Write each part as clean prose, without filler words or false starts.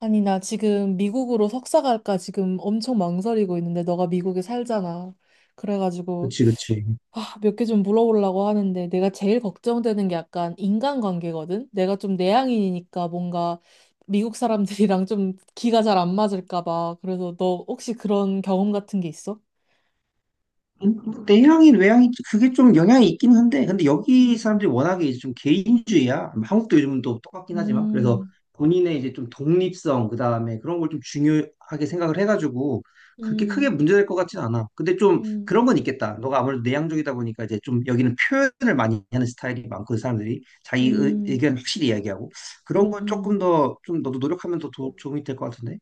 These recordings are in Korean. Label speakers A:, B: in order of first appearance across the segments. A: 아니, 나 지금 미국으로 석사 갈까 지금 엄청 망설이고 있는데, 너가 미국에 살잖아. 그래가지고,
B: 그치, 그치.
A: 아, 몇 개 좀 물어보려고 하는데, 내가 제일 걱정되는 게 약간 인간관계거든? 내가 좀 내향인이니까 뭔가 미국 사람들이랑 좀 기가 잘 안 맞을까 봐. 그래서 너 혹시 그런 경험 같은 게 있어?
B: 음, 내향인, 외향인, 그게 좀 영향이 있긴 한데, 근데 여기 사람들이
A: 음,
B: 워낙에 이제 좀 개인주의야. 한국도 요즘은 또 똑같긴 하지만, 그래서
A: 음,
B: 본인의 이제 좀 독립성, 그 다음에 그런 걸 좀 중요하게 생각을 해가지고, 그렇게 크게
A: 음,
B: 문제될 것 같진 않아. 근데 좀
A: 음,
B: 그런 건 있겠다. 너가 아무래도 내향적이다 보니까 이제 좀 여기는 표현을 많이 하는 스타일이 많고, 사람들이 자기 의-
A: 음,
B: 의견 확실히 이야기하고, 그런
A: 음,
B: 건 조금
A: 음.
B: 더, 좀 너도 노력하면 더 도움이 될 것 같은데?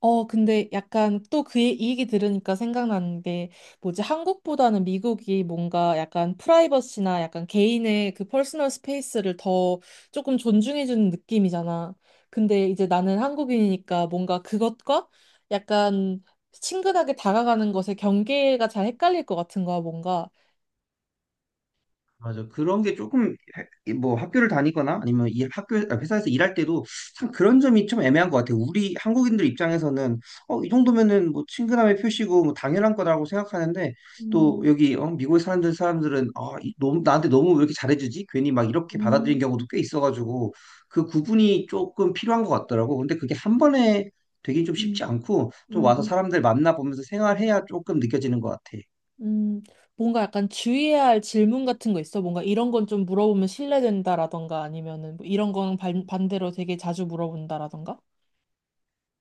A: 어, 근데 약간 또 그 얘기 들으니까 생각나는 게 뭐지? 한국보다는 미국이 뭔가 약간 프라이버시나 약간 개인의 그 퍼스널 스페이스를 더 조금 존중해주는 느낌이잖아. 근데 이제 나는 한국인이니까 뭔가 그것과 약간 친근하게 다가가는 것의 경계가 잘 헷갈릴 것 같은 거야, 뭔가.
B: 맞아. 그런 게 조금 뭐 학교를 다니거나 아니면 이 학교 아, 회사에서 일할 때도 참 그런 점이 좀 애매한 것 같아. 요 우리 한국인들 입장에서는 이 정도면은 뭐 친근함의 표시고 뭐 당연한 거라고 생각하는데 또
A: 음,
B: 여기 미국에 사는 사람들은 아, 너무 나한테 너무 왜 이렇게 잘해주지? 괜히 막 이렇게 받아들인
A: 음,
B: 경우도 꽤 있어가지고 그 구분이 조금 필요한 것 같더라고. 근데 그게 한 번에 되긴 좀 쉽지
A: 음,
B: 않고 좀
A: 음,
B: 와서
A: 음.
B: 사람들 만나보면서 생활해야 조금 느껴지는 것 같아.
A: 음, 뭔가 약간 주의해야 할 질문 같은 거 있어? 뭔가 이런 건 좀 물어보면 신뢰된다라던가 아니면은 뭐 이런 건 반대로 되게 자주 물어본다라던가?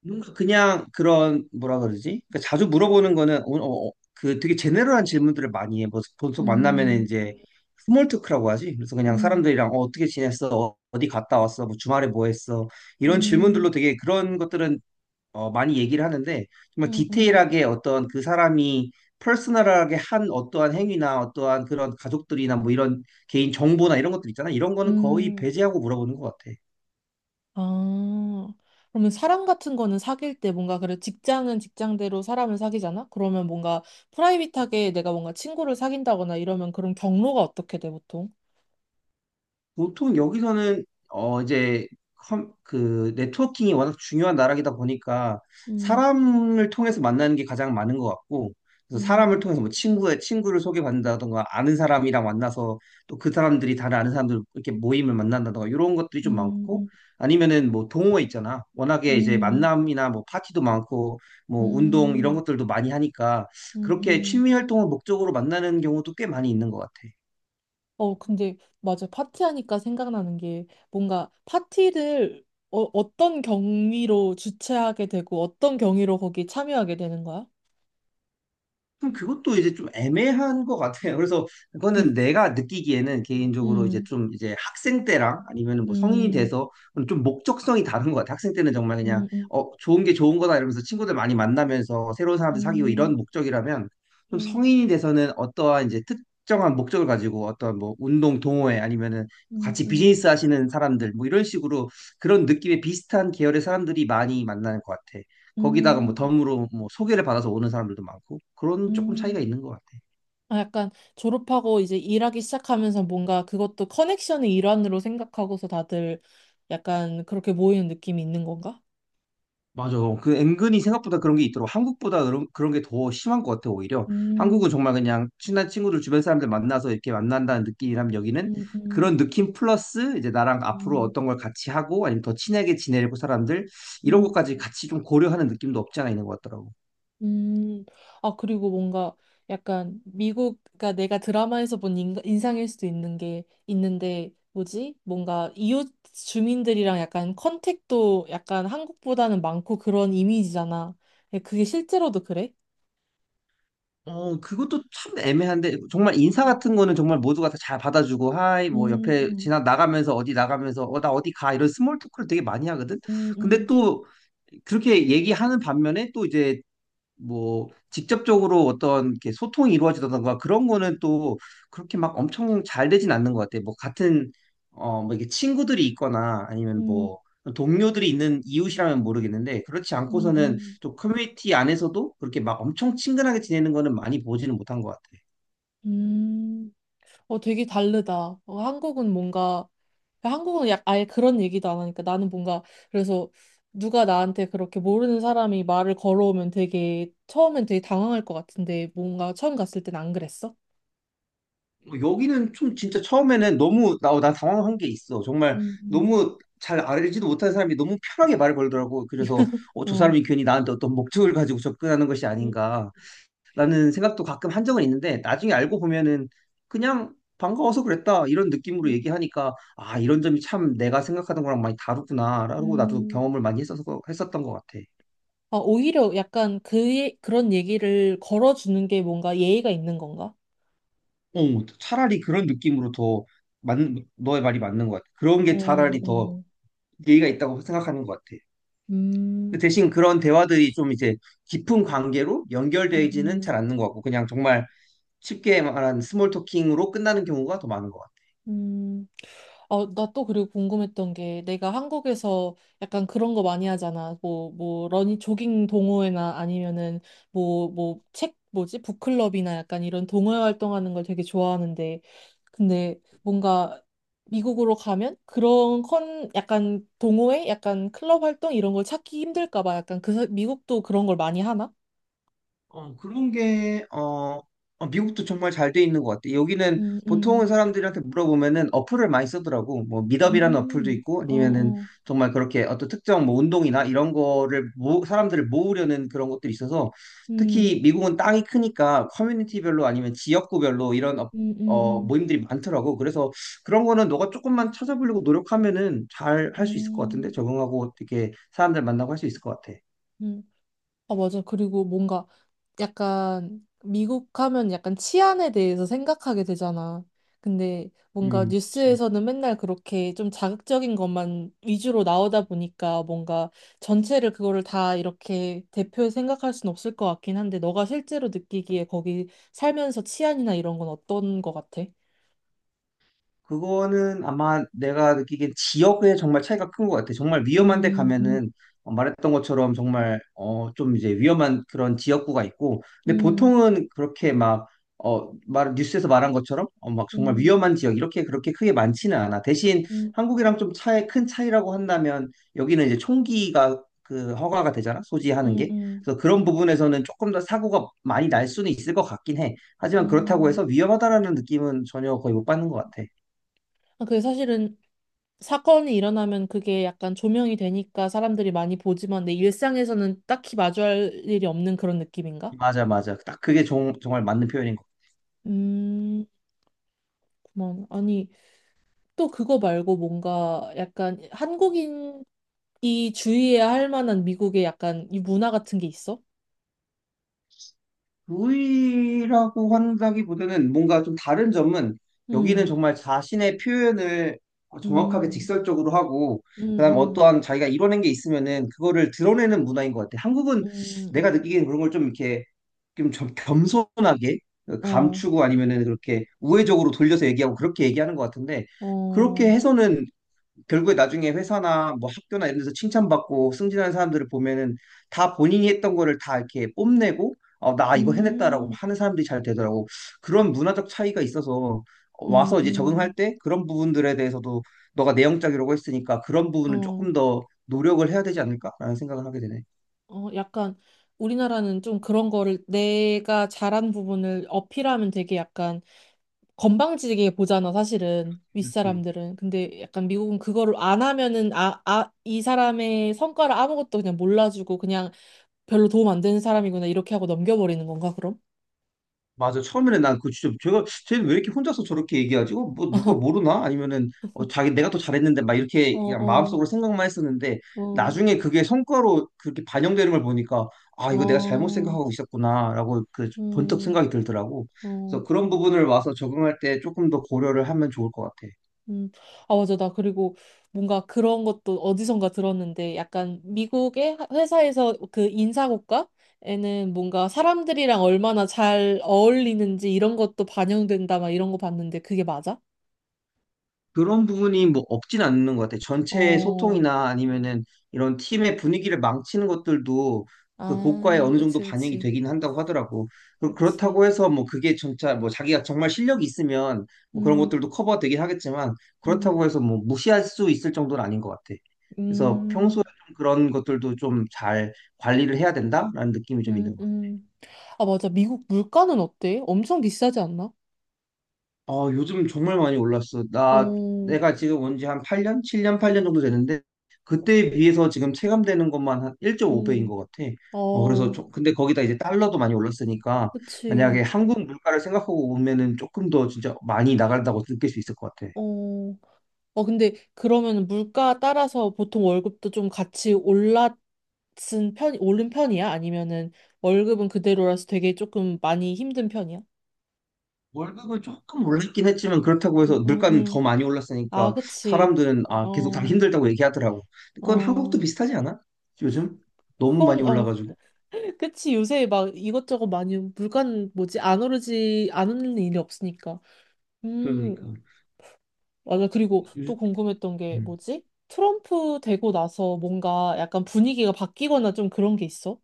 B: 뭔가 그냥 그런 뭐라 그러지? 그러니까 자주 물어보는 거는 그 되게 제네럴한 질문들을 많이 해. 뭐 보통 만나면
A: 음,
B: 이제 스몰 토크라고 하지. 그래서 그냥
A: 음,
B: 사람들이랑 떻게 지냈어? 어디 갔다 왔어? 뭐 주말에 뭐 했어? 이런 질문들로
A: 음,
B: 되게 그런 것들은 많이 얘기를 하는데 정말
A: 음, 음,
B: 디테일하게 어떤 그 사람이 퍼스널하게 한 어떠한 행위나 어떠한 그런 가족들이나 뭐 이런 개인 정보나 이런 것들 있잖아. 이런 거는 거의
A: 음.
B: 배제하고 물어보는 것 같아.
A: 아, 그러면 사람 같은 거는 사귈 때 뭔가 그래 직장은 직장대로 사람을 사귀잖아? 그러면 뭔가 프라이빗하게 내가 뭔가 친구를 사귄다거나 이러면 그런 경로가 어떻게 돼, 보통?
B: 보통 여기서는 이제 그 네트워킹이 워낙 중요한 나라이다 보니까
A: 음,
B: 사람을 통해서 만나는 게 가장 많은 것 같고, 그래서
A: 음,
B: 사람을 통해서 뭐 친구의 친구를 소개받는다던가 아는 사람이랑 만나서 또 그 사람들이 다른 아는 사람들 이렇게 모임을 만난다던가 이런 것들이 좀
A: 음,
B: 많고,
A: 음,
B: 아니면은 뭐 동호회 있잖아. 워낙에 이제
A: 음,
B: 만남이나 뭐 파티도 많고 뭐 운동 이런
A: 음,
B: 것들도 많이 하니까 그렇게
A: 음.
B: 취미 활동을 목적으로 만나는 경우도 꽤 많이 있는 것 같아.
A: 어, 근데 맞아. 파티하니까 생각나는 게 뭔가 파티를 어, 어떤 경위로 주최하게 되고 어떤 경위로 거기 참여하게 되는 거야?
B: 그럼 그것도 이제 좀 애매한 것 같아요. 그래서 그거는 내가 느끼기에는 개인적으로 이제
A: 음,
B: 좀 이제 학생 때랑 아니면 뭐 성인이
A: 음,
B: 돼서 좀 목적성이 다른 것 같아요. 학생 때는 정말 그냥
A: 음, 음,
B: 좋은 게 좋은 거다 이러면서 친구들 많이 만나면서 새로운 사람들 사귀고 이런
A: 음,
B: 목적이라면, 좀
A: 음,
B: 성인이 돼서는 어떠한 이제 특정한 목적을 가지고 어떤 뭐 운동 동호회 아니면은
A: 음,
B: 같이
A: 음,
B: 비즈니스 하시는 사람들 뭐 이런 식으로 그런 느낌의 비슷한 계열의 사람들이 많이 만나는 것 같아. 거기다가 뭐
A: 음.
B: 덤으로 뭐 소개를 받아서 오는 사람들도 많고 그런 조금 차이가
A: 음.
B: 있는 것 같아.
A: 아, 약간 졸업하고 이제 일하기 시작하면서 뭔가 그것도 커넥션의 일환으로 생각하고서 다들 약간 그렇게 모이는 느낌이 있는 건가?
B: 맞아. 그 은근히 생각보다 그런 게 있더라고. 한국보다 그런 게 더 심한 것 같아, 오히려.
A: 음,
B: 한국은 정말 그냥 친한 친구들 주변 사람들 만나서 이렇게 만난다는 느낌이라면, 여기는
A: 음, 음,
B: 그런 느낌 플러스 이제 나랑 앞으로
A: 음,
B: 어떤 걸 같이 하고 아니면 더 친하게 지내려고 사람들 이런
A: 음.
B: 것까지 같이 좀 고려하는 느낌도 없지 않아 있는 것 같더라고.
A: 음, 아, 그리고 뭔가 약간 미국, 그러니까 내가 드라마에서 본 인상일 수도 있는 게 있는데, 뭐지? 뭔가 이웃 주민들이랑 약간 컨택도 약간 한국보다는 많고 그런 이미지잖아. 근데 그게 실제로도 그래?
B: 그것도 참 애매한데, 정말 인사
A: 어.
B: 같은 거는 정말 모두가 다 잘 받아주고, 하이, 뭐, 옆에
A: 음,
B: 지나 나가면서, 어디 나가면서, 나 어디 가, 이런 스몰 토크를 되게 많이 하거든? 근데
A: 음,
B: 또, 그렇게 얘기하는 반면에 또 이제 뭐 직접적으로 어떤 이렇게 소통이 이루어지던가 그런 거는 또 그렇게 막 엄청 잘 되진 않는 것 같아. 뭐 같은 어뭐 이게 친구들이 있거나 아니면
A: 음,
B: 뭐 동료들이 있는 이웃이라면 모르겠는데, 그렇지
A: 음, 음,
B: 않고서는
A: 음,
B: 또 커뮤니티 안에서도 그렇게 막 엄청 친근하게 지내는 거는 많이 보지는 못한 것 같아.
A: 음. 어, 되게 다르다. 어, 한국은 뭔가, 한국은 약 아예 그런 얘기도 안 하니까 나는 뭔가, 그래서 누가 나한테 그렇게 모르는 사람이 말을 걸어오면 되게, 처음엔 되게 당황할 것 같은데, 뭔가 처음 갔을 땐 안 그랬어?
B: 여기는 좀 진짜 처음에는 너무 나 당황한 게 있어. 정말
A: 음,
B: 너무 잘 알지도 못하는 사람이 너무 편하게 말을 걸더라고. 그래서 저
A: 어.
B: 사람이 괜히 나한테 어떤 목적을 가지고 접근하는 것이
A: 음,
B: 아닌가 라는 생각도 가끔 한 적은 있는데, 나중에 알고 보면은 그냥 반가워서 그랬다 이런 느낌으로
A: 음,
B: 얘기하니까 아 이런 점이 참 내가 생각하던 거랑 많이 다르구나 라고 나도
A: 음.
B: 경험을 많이 했어서 했었던 것 같아.
A: 아, 오히려 약간 그, 그런 얘기를 걸어주는 게 뭔가 예의가 있는 건가?
B: 차라리 그런 느낌으로 더 맞 너의 말이 맞는 것 같아. 그런 게
A: 어,
B: 차라리 더
A: 어.
B: 예의가 있다고 생각하는 것 같아. 근데
A: 음,
B: 대신 그런 대화들이 좀 이제 깊은 관계로
A: 음,
B: 연결되지는 잘
A: 음,
B: 않는 것 같고, 그냥 정말 쉽게 말한 스몰 토킹으로 끝나는 경우가 더 많은 것 같아.
A: 음. 어, 나 또 그리고 궁금했던 게 내가 한국에서 약간 그런 거 많이 하잖아. 러닝, 조깅 동호회나 아니면은 책, 뭐지? 북클럽이나 약간 이런 동호회 활동하는 걸 되게 좋아하는데. 근데 뭔가 미국으로 가면 그런 약간 동호회? 약간 클럽 활동 이런 걸 찾기 힘들까 봐. 약간 그, 미국도 그런 걸 많이 하나?
B: 어, 그런 게, 어, 어, 미국도 정말 잘 돼 있는 것 같아. 여기는
A: 음,
B: 보통은
A: 음,
B: 사람들한테 물어보면은 어플을 많이 쓰더라고. 뭐, 미더이 라는 어플도 있고,
A: 어,
B: 아니면은
A: 어,
B: 정말 그렇게 어떤 특정 뭐 운동이나 이런 거를 사람들을 모으려는 그런 것들이 있어서, 특히
A: 음,
B: 미국은 땅이 크니까 커뮤니티별로 아니면 지역구별로 이런
A: 음, 음,
B: 모임들이 많더라고. 그래서 그런 거는 너가 조금만 찾아보려고 노력하면은 잘
A: 음,
B: 할 수 있을 것 같은데?
A: 음,
B: 적응하고 이렇게 사람들 만나고 할 수 있을 것 같아.
A: 음. 아, 맞아. 그리고 뭔가 약간 미국 하면 약간 치안에 대해서 생각하게 되잖아. 근데 뭔가
B: 그치.
A: 뉴스에서는 맨날 그렇게 좀 자극적인 것만 위주로 나오다 보니까 뭔가 전체를 그거를 다 이렇게 대표해 생각할 순 없을 것 같긴 한데 너가 실제로 느끼기에 거기 살면서 치안이나 이런 건 어떤 것 같아?
B: 그거는 아마 내가 느끼기엔 지역에 정말 차이가 큰 것 같아. 정말 위험한 데
A: 음, 음,
B: 가면은 말했던 것처럼 정말 좀 이제 위험한 그런 지역구가 있고, 근데
A: 음,
B: 보통은 그렇게 막 뉴스에서 말한 것처럼 막 정말
A: 음,
B: 위험한 지역 이렇게 그렇게 크게 많지는 않아. 대신
A: 음,
B: 한국이랑 좀 차이 큰 차이라고 한다면, 여기는 이제 총기가 그 허가가 되잖아, 소지하는
A: 음,
B: 게.
A: 음,
B: 그래서 그런 부분에서는 조금 더 사고가 많이 날 수는 있을 것 같긴 해. 하지만 그렇다고 해서
A: 음.
B: 위험하다라는 느낌은 전혀 거의 못 받는 것 같아.
A: 아, 그게 사실은 사건이 일어나면 그게 약간 조명이 되니까 사람들이 많이 보지만 내 일상에서는 딱히 마주할 일이 없는 그런 느낌인가?
B: 맞아, 맞아. 딱 그게 정 말 맞는 표현인 것 같아.
A: 음, 그만. 아니, 또 그거 말고 뭔가 약간 한국인이 주의해야 할 만한 미국의 약간 이 문화 같은 게 있어?
B: 루이라고 한다기보다는 뭔가 좀 다른 점은, 여기는
A: 음,
B: 정말 자신의 표현을 정확하게
A: 음,
B: 직설적으로 하고,
A: 음,
B: 그다음
A: 음,
B: 어떠한 자기가 이뤄낸 게 있으면은 그거를 드러내는 문화인 것 같아. 한국은
A: 음,
B: 내가 느끼기엔 그런 걸 좀 이렇게 좀 겸손하게
A: 어,
B: 감추고 아니면은 그렇게 우회적으로 돌려서 얘기하고 그렇게 얘기하는 것 같은데, 그렇게
A: 어,
B: 해서는 결국에 나중에 회사나 뭐 학교나 이런 데서 칭찬받고 승진하는 사람들을 보면은 다 본인이 했던 거를 다 이렇게 뽐내고 나 이거 해냈다라고
A: 음,
B: 하는 사람들이 잘 되더라고. 그런 문화적 차이가 있어서
A: 음,
B: 와서 이제 적응할
A: 음,
B: 때 그런 부분들에 대해서도 너가 내형적이라고 했으니까 그런 부분은
A: 어.
B: 조금 더 노력을 해야 되지 않을까라는 생각을 하게 되네.
A: 어, 약간 우리나라는 좀 그런 거를 내가 잘한 부분을 어필하면 되게 약간 건방지게 보잖아, 사실은.
B: 그렇지.
A: 윗사람들은. 근데 약간 미국은 그거를 안 하면은 아, 아, 이 사람의 성과를 아무것도 그냥 몰라주고 그냥 별로 도움 안 되는 사람이구나 이렇게 하고 넘겨버리는 건가, 그럼?
B: 맞아. 처음에는 난 그 진짜 제가 쟤는 왜 이렇게 혼자서 저렇게 얘기하지? 뭐 누가 모르나? 아니면은 어, 자기 내가 더 잘했는데 막 이렇게
A: 어,
B: 그냥
A: 어,
B: 마음속으로 생각만 했었는데,
A: 어,
B: 나중에 그게 성과로 그렇게 반영되는 걸 보니까 아 이거 내가 잘못
A: 어,
B: 생각하고 있었구나라고 그 번뜩
A: 음,
B: 생각이 들더라고.
A: 어.
B: 그래서 그런 부분을 와서 적응할 때 조금 더 고려를 하면 좋을 것 같아.
A: 음, 아, 맞아. 나 그리고 뭔가 그런 것도 어디선가 들었는데 약간 미국의 회사에서 그 인사고과에는 뭔가 사람들이랑 얼마나 잘 어울리는지 이런 것도 반영된다 막 이런 거 봤는데 그게 맞아?
B: 그런 부분이 뭐 없진 않는 것 같아요. 전체의
A: 어,
B: 소통이나 아니면은 이런 팀의 분위기를 망치는 것들도 그 고과에
A: 아,
B: 어느 정도
A: 그치,
B: 반영이
A: 그치,
B: 되긴 한다고 하더라고. 그-
A: 그치.
B: 그렇다고 해서 뭐 그게 진짜 뭐 자기가 정말 실력이 있으면 뭐 그런
A: 음,
B: 것들도 커버가 되긴 하겠지만,
A: 음,
B: 그렇다고 해서 뭐 무시할 수 있을 정도는 아닌 것 같아. 그래서 평소에
A: 음,
B: 좀 그런 것들도 좀 잘 관리를 해야 된다라는 느낌이 좀 있는
A: 음,
B: 것 같아.
A: 음. 아, 맞아. 미국 물가는 어때? 엄청 비싸지 않나?
B: 요즘 정말 많이 올랐어.
A: 어,
B: 내가 지금 온 지 한 8년? 7년, 8년 정도 됐는데 그때에 비해서 지금 체감되는 것만 한 1.5배인
A: 음,
B: 것 같아. 그래서,
A: 어,
B: 근데 거기다 이제 달러도 많이 올랐으니까, 만약에
A: 그치.
B: 한국 물가를 생각하고 오면은 조금 더 진짜 많이 나간다고 느낄 수 있을 것 같아.
A: 어. 어, 근데 그러면 물가 따라서 보통 월급도 좀 같이 올랐은 편, 오른 편이야? 아니면은 월급은 그대로라서 되게 조금 많이 힘든 편이야?
B: 월급은 조금 올랐긴 했지만, 그렇다고 해서
A: 응, 응,
B: 물가는 더
A: 응.
B: 많이
A: 아,
B: 올랐으니까,
A: 그치.
B: 사람들은, 아, 계속 다
A: 어,
B: 힘들다고 얘기하더라고. 그건 한국도
A: 어.
B: 비슷하지 않아? 요즘? 너무 많이
A: 그건, 어.
B: 올라가지고.
A: 그치. 요새 막 이것저것 많이, 물가는 뭐지? 안 오르지, 안 오르는 일이 없으니까.
B: 그러니까.
A: 음, 맞아. 그리고 또
B: 요즘-
A: 궁금했던 게 뭐지? 트럼프 되고 나서 뭔가 약간 분위기가 바뀌거나 좀 그런 게 있어?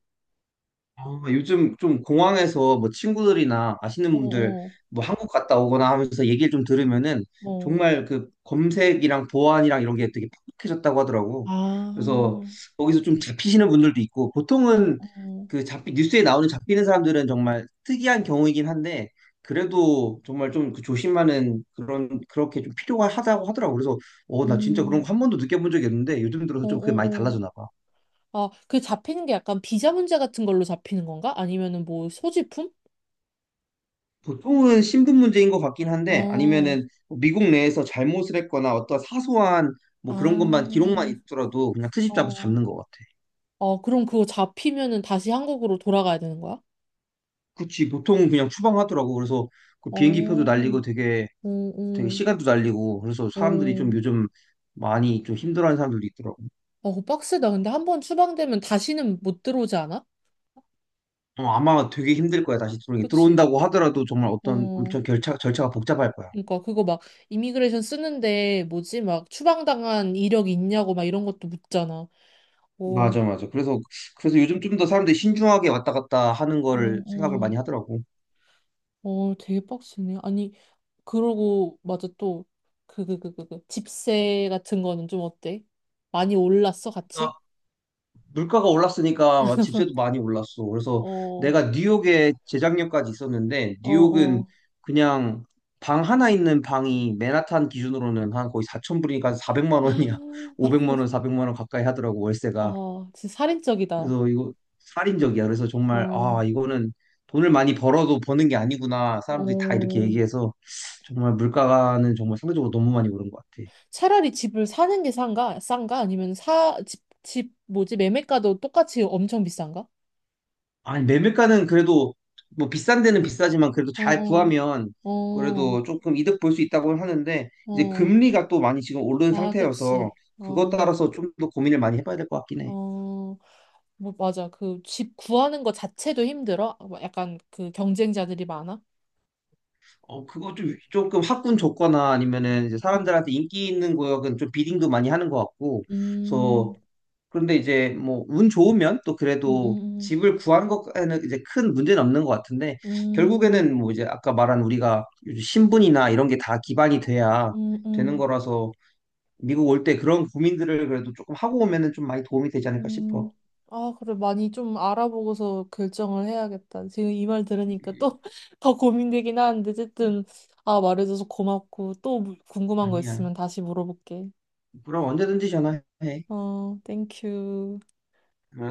B: 아, 요즘 좀 공항에서 뭐 친구들이나 아시는 분들
A: 어어. 어.
B: 뭐 한국 갔다 오거나 하면서 얘기를 좀 들으면은
A: 어, 어.
B: 정말 그 검색이랑 보안이랑 이런 게 되게 팍팍해졌다고 하더라고. 그래서
A: 아,
B: 거기서 좀 잡히시는 분들도 있고, 보통은
A: 어어.
B: 그 잡히 뉴스에 나오는 잡히는 사람들은 정말 특이한 경우이긴 한데, 그래도 정말 좀 그 조심하는 그런 그렇게 좀 필요하다고 하더라고. 그래서 나 진짜 그런
A: 음,
B: 거 한 번도 느껴본 적이 없는데 요즘 들어서 좀 그게 많이
A: 어어어.
B: 달라졌나 봐.
A: 아, 그 잡히는 게 약간 비자 문제 같은 걸로 잡히는 건가? 아니면은 뭐 소지품?
B: 보통은 신분 문제인 것 같긴 한데,
A: 어,
B: 아니면은 뭐 미국 내에서 잘못을 했거나 어떤 사소한 뭐
A: 아,
B: 그런 것만 기록만 있더라도 그냥 트집 잡아서
A: 어.
B: 잡는 것 같아.
A: 어, 그럼 그거 잡히면은 다시 한국으로 돌아가야 되는 거야?
B: 그치. 보통은 그냥 추방하더라고. 그래서 그
A: 어,
B: 비행기 표도
A: 어,
B: 날리고 되게
A: 어,
B: 시간도 날리고, 그래서 사람들이
A: 어.
B: 좀 요즘 많이 좀 힘들어하는 사람들도 있더라고.
A: 어, 그거 빡세다. 근데 한 번 추방되면 다시는 못 들어오지 않아?
B: 아마 되게 힘들 거야. 다시 들어오는 게,
A: 그치?
B: 들어온다고 하더라도 정말 어떤
A: 어.
B: 엄청 절차가 복잡할 거야.
A: 그러니까 그거 막 이미그레이션 쓰는데 뭐지? 막 추방당한 이력 있냐고 막 이런 것도 묻잖아. 어,
B: 맞아, 맞아. 그래서 요즘 좀 더 사람들이 신중하게 왔다 갔다 하는
A: 어,
B: 거를 생각을
A: 어,
B: 많이 하더라고.
A: 어, 되게 빡세네. 아니, 그러고, 맞아, 또, 집세 같은 거는 좀 어때? 많이 올랐어, 같이?
B: 물가가 올랐으니까 집세도 많이 올랐어. 그래서
A: 어,
B: 내가 뉴욕에 재작년까지 있었는데,
A: 어,
B: 뉴욕은
A: 어.
B: 그냥 방 하나 있는 방이 맨하탄 기준으로는 한 거의 4천 불이니까 400만 원이야. 500만 원, 400만 원 가까이 하더라고, 월세가.
A: 아, 진짜 살인적이다.
B: 그래서 이거 살인적이야. 그래서 정말
A: 어,
B: 아 이거는 돈을 많이 벌어도 버는 게 아니구나. 사람들이 다 이렇게
A: 어.
B: 얘기해서 정말 물가는 정말 상대적으로 너무 많이 오른 것 같아.
A: 차라리 집을 사는 게 싼가? 싼가? 아니면 집, 뭐지? 매매가도 똑같이 엄청 비싼가?
B: 아니, 매물가는 그래도 뭐 비싼 데는 비싸지만 그래도
A: 어,
B: 잘
A: 어,
B: 구하면
A: 어,
B: 그래도 조금 이득 볼 수 있다고 하는데, 이제
A: 어.
B: 금리가 또 많이 지금 오른
A: 아,
B: 상태여서
A: 그치.
B: 그것
A: 어,
B: 따라서 좀 더 고민을 많이 해봐야 될 것 같긴 해.
A: 어. 뭐, 맞아. 그 집 구하는 거 자체도 힘들어? 뭐 약간 그 경쟁자들이 많아?
B: 그거 좀 조금 학군 좋거나 아니면은 이제
A: 음,
B: 사람들한테 인기 있는 구역은 좀 비딩도 많이 하는 것 같고, 그래서
A: 음,
B: 그런데 이제 뭐 운 좋으면 또
A: 음,
B: 그래도
A: 음,
B: 집을 구한 것에는 이제 큰 문제는 없는 것 같은데,
A: 음,
B: 결국에는 뭐 이제 아까 말한 우리가 요즘 신분이나 이런 게 다 기반이 돼야
A: 음,
B: 되는
A: 음,
B: 거라서, 미국 올 때 그런 고민들을 그래도 조금 하고 오면은 좀 많이 도움이 되지 않을까 싶어.
A: 음. 아, 그래. 많이 좀 알아보고서 결정을 해야겠다. 지금 이 말 들으니까 또 더 고민되긴 하는데, 어쨌든, 아, 말해줘서 고맙고, 또 뭐 궁금한 거
B: 아니야.
A: 있으면 다시 물어볼게.
B: 그럼 언제든지 전화해.
A: 어, 땡큐.
B: 응.